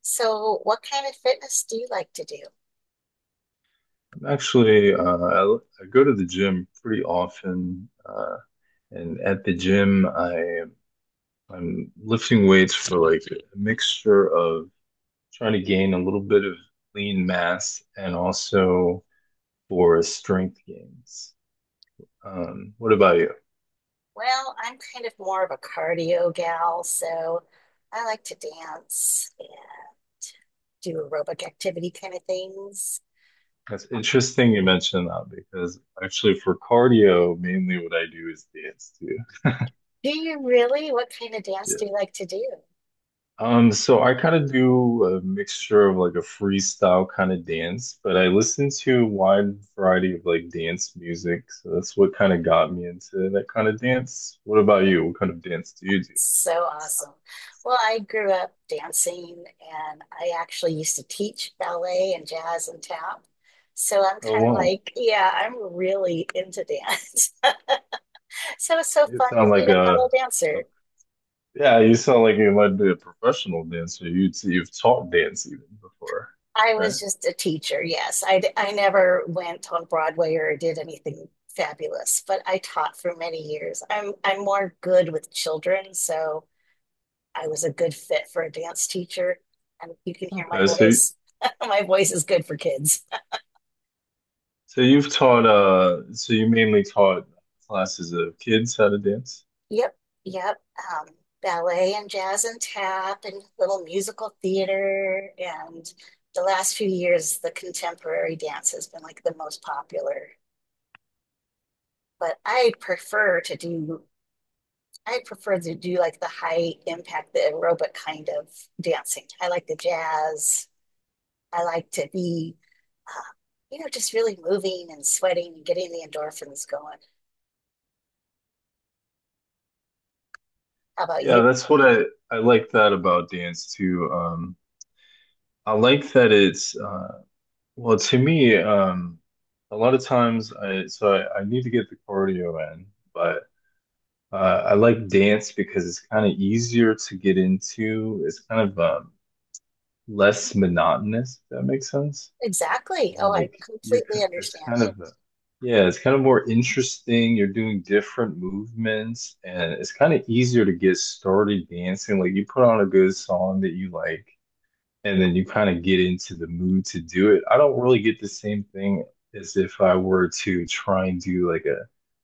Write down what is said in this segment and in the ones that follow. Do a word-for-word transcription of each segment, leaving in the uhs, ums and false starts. So, what kind of fitness do you like to do? I'm actually, uh, I, I go to the gym pretty often, uh, and at the gym, I I'm lifting weights for like a mixture of trying to gain a little bit of lean mass and also for strength gains. Um, what about you? Well, I'm kind of more of a cardio gal, so I like to dance and do aerobic activity kind of things. That's interesting you mentioned that because actually for cardio, mainly what I do is dance too. Do you really? What kind of dance Yeah. do you like to do? Um, so I kind of do a mixture of like a freestyle kind of dance, but I listen to a wide variety of like dance music. So that's what kind of got me into that kind of dance. What about you? What kind of dance do you do? So awesome. Well, I grew up dancing and I actually used to teach ballet and jazz and tap. So I'm Oh, kind of wow. like, yeah, I'm really into dance. So it's so You fun to sound meet like a fellow a, a dancer. yeah, you sound like you might be a professional dancer. You you've taught dance even before, I right? was just a teacher, yes. I, d- I never went on Broadway or did anything fabulous, but I taught for many years. I'm I'm more good with children, so I was a good fit for a dance teacher. And you can hear my Okay, so voice. My voice is good for kids. so you've taught uh so you mainly taught classes of kids how to dance? Yep, yep. Um, Ballet and jazz and tap and little musical theater. And the last few years, the contemporary dance has been like the most popular. But I prefer to do I prefer to do like the high impact, the aerobic kind of dancing. I like the jazz. I like to be, uh, you know, just really moving and sweating and getting the endorphins going. How about Yeah, you? that's what I I like that about dance too. Um, I like that it's uh, well, to me. Um, a lot of times, I so I, I need to get the cardio in, but uh, I like dance because it's kind of easier to get into. It's kind of um, less monotonous, if that makes sense. Exactly. Oh, And, I like you're completely kind it's understand. kind of a- yeah, it's kind of more interesting. You're doing different movements and it's kind of easier to get started dancing. Like you put on a good song that you like and then you kind of get into the mood to do it. I don't really get the same thing as if I were to try and do like a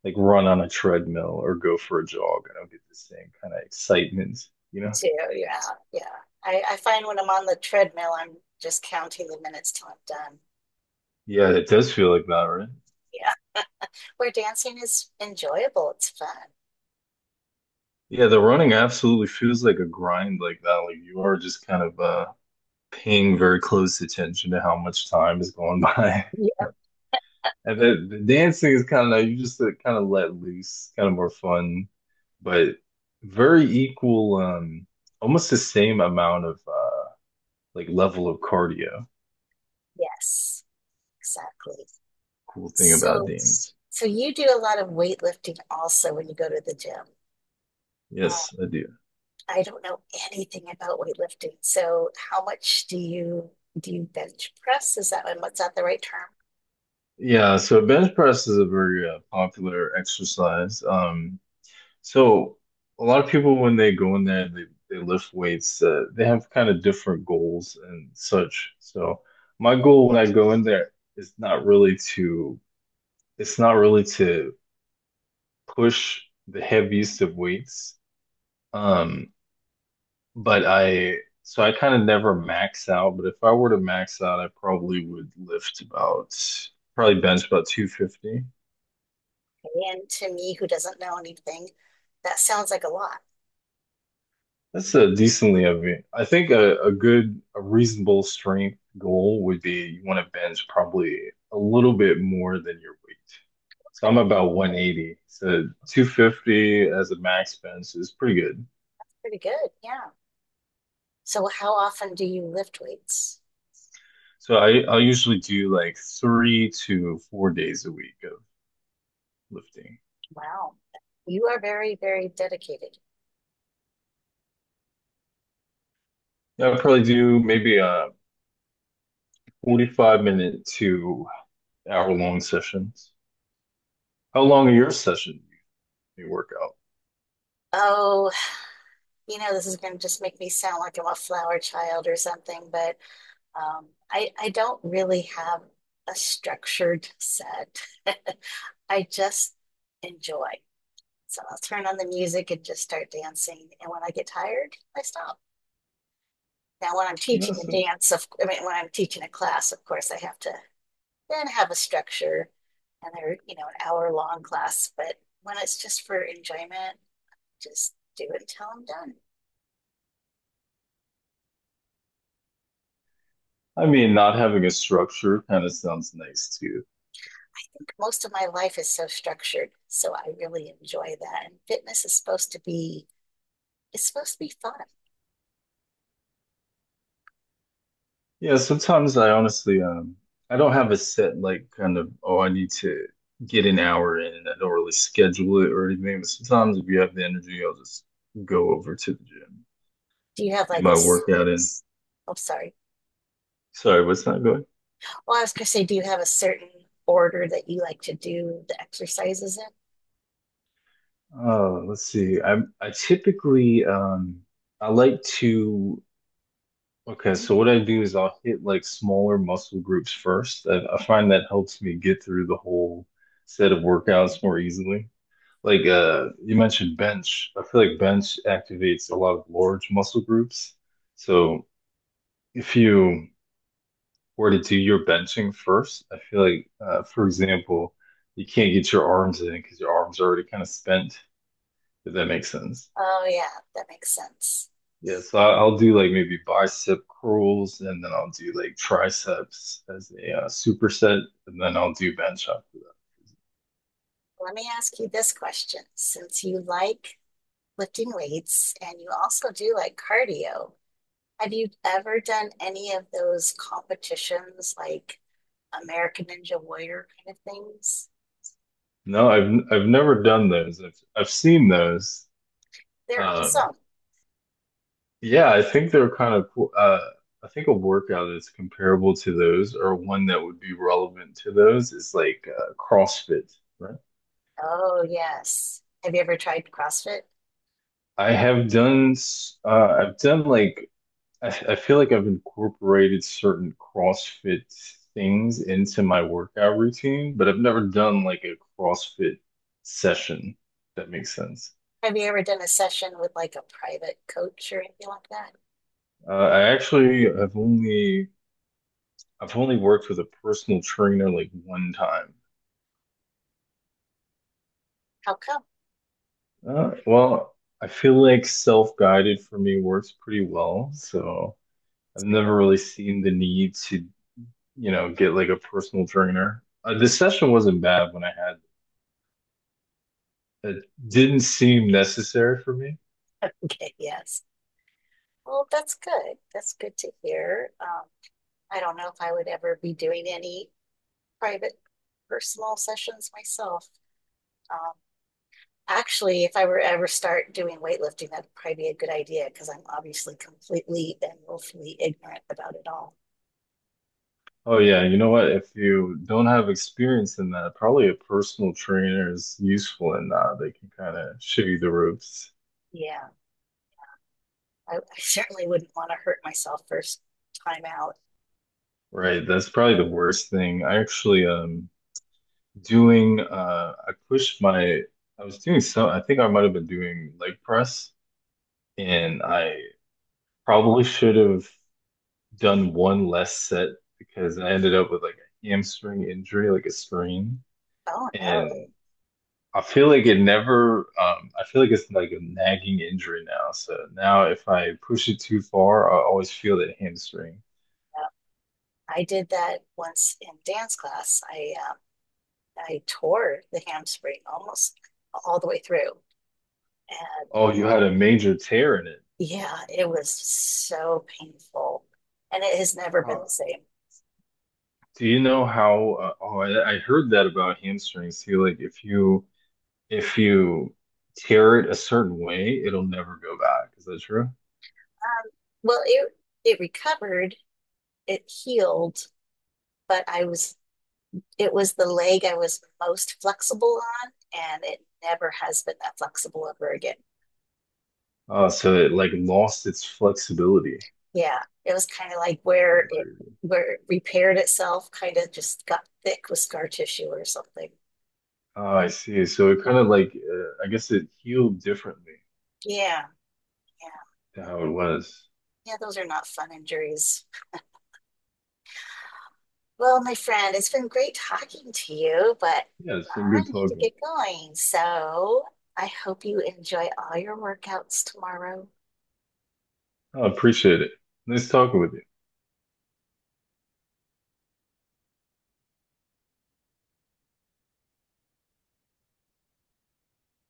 like run on a treadmill or go for a jog. I don't get the same kind of excitement, you Me know? too. Yeah. Yeah. I, I find when I'm on the treadmill, I'm just counting the minutes till I'm done. Yeah, it does feel like that, right? Yeah. Where dancing is enjoyable, it's fun. Yeah, the running absolutely feels like a grind like that. Like you are just kind of uh paying very close attention to how much time is going by. Yeah. And the, the dancing is kind of you just like, kind of let loose, kind of more fun, but very equal, um almost the same amount of uh like level of cardio. Yes, exactly. Cool thing about So, dance. So you do a lot of weightlifting also when you go to the gym. Um, Yes, I do. I don't know anything about weightlifting. So how much do you do you bench press? Is that what's that the right term? Yeah, so bench press is a very uh, popular exercise. Um, So a lot of people when they go in there and they, they lift weights, uh, they have kind of different goals and such. So my goal when I go in there is not really to it's not really to push the heaviest of weights. Um, but I so I kind of never max out, but if I were to max out, I probably would lift about probably bench about two fifty. And to me, who doesn't know anything, that sounds like a lot. That's a decently of it. I think a, a good, a reasonable strength goal would be you want to bench probably a little bit more than your weight. So I'm Okay, about one eighty. So two fifty as a max bench is pretty good. pretty good. Yeah. So how often do you lift weights? So I, I'll usually do like three to four days a week of lifting. Wow. You are very, very dedicated. I'll probably do maybe a forty-five minute to hour long sessions. How long are your sessions? You work out? Oh, you know, this is going to just make me sound like I'm a flower child or something, but Um, I, I don't really have a structured set. I just enjoy. So I'll turn on the music and just start dancing. And when I get tired, I stop. Now, when I'm You know, teaching a some, dance, of, I mean, when I'm teaching a class, of course, I have to then have a structure and they're, you know, an hour long class. But when it's just for enjoyment, just do it until I'm done. I I mean, not having a structure kind of sounds nice too. think most of my life is so structured. So I really enjoy that. And fitness is supposed to be It's supposed to be fun. Yeah, sometimes I honestly, um, I don't have a set like kind of, oh, I need to get an hour in. I don't really schedule it or anything. But sometimes if you have the energy, I'll just go over to the gym, Do you have get like a? my workout in. Oh, sorry. Sorry, what's not going? Well, I was gonna say, do you have a certain order that you like to do the exercises in? Uh, let's see. I'm I typically um I like to okay, so what I do is I'll hit like smaller muscle groups first. I, I find that helps me get through the whole set of workouts more easily. Like uh, you mentioned bench. I feel like bench activates a lot of large muscle groups. So if you were to do your benching first, I feel like, uh, for example, you can't get your arms in because your arms are already kind of spent, if that makes sense. Oh, yeah, that makes sense. Yeah, so I- I'll do like maybe bicep curls and then I'll do like triceps as a uh, superset and then I'll do bench after that. Let me ask you this question. Since you like lifting weights and you also do like cardio, have you ever done any of those competitions like American Ninja Warrior kind of things? No, I've I've never done those. I've I've seen those. They're Um, awesome. yeah, I think they're kind of cool. Uh, I think a workout that's comparable to those or one that would be relevant to those is like uh, CrossFit, right? Oh, yes. Have you ever tried CrossFit? I have done s- uh, I've done like I, I feel like I've incorporated certain CrossFit things into my workout routine, but I've never done like a CrossFit session, if that makes sense. Have you ever done a session with like a private coach or anything like that? Uh, I actually have only I've only worked with a personal trainer like one time. How come? Uh, well, I feel like self-guided for me works pretty well, so I've never really seen the need to, you know, get like a personal trainer. Uh, the session wasn't bad when I had it. Didn't seem necessary for me. Okay, yes. Well, that's good. That's good to hear. Um, I don't know if I would ever be doing any private personal sessions myself. Um, Actually, if I were ever start doing weightlifting, that'd probably be a good idea because I'm obviously completely and willfully ignorant about it all. Oh yeah, you know what? If you don't have experience in that, probably a personal trainer is useful in that. They can kind of show you the ropes. Yeah, I, I certainly wouldn't want to hurt myself first time out. Right. That's probably the worst thing. I actually um doing uh I pushed my I was doing some I think I might have been doing leg press and I probably should have done one less set because I ended up with like a hamstring injury, like a strain. Oh no. And I feel like it never, um, I feel like it's like a nagging injury now. So now if I push it too far, I always feel that hamstring. I did that once in dance class. I um, I tore the hamstring almost all the way through, and Oh, you had a major tear in it. yeah, it was so painful, and it has never been the How, same. do you know how? Uh, oh, I, I heard that about hamstrings too. Like if you if you tear it a certain way, it'll never go back. Is that true? Well, it it recovered, it healed, but I was it was the leg I was most flexible on, and it never has been that flexible ever again. Uh, so it like lost its flexibility. Yeah, it was kind of like Kind where of it crazy. where it repaired itself, kind of just got thick with scar tissue or something. Oh, I see. So it kind of like uh, I guess it healed differently Yeah. Yeah, to how it was. yeah, those are not fun injuries. Well, my friend, it's been great talking to you, but Yeah, it's been I good need to talking. get going. So I hope you enjoy all your workouts tomorrow. I appreciate it. Nice talking with you.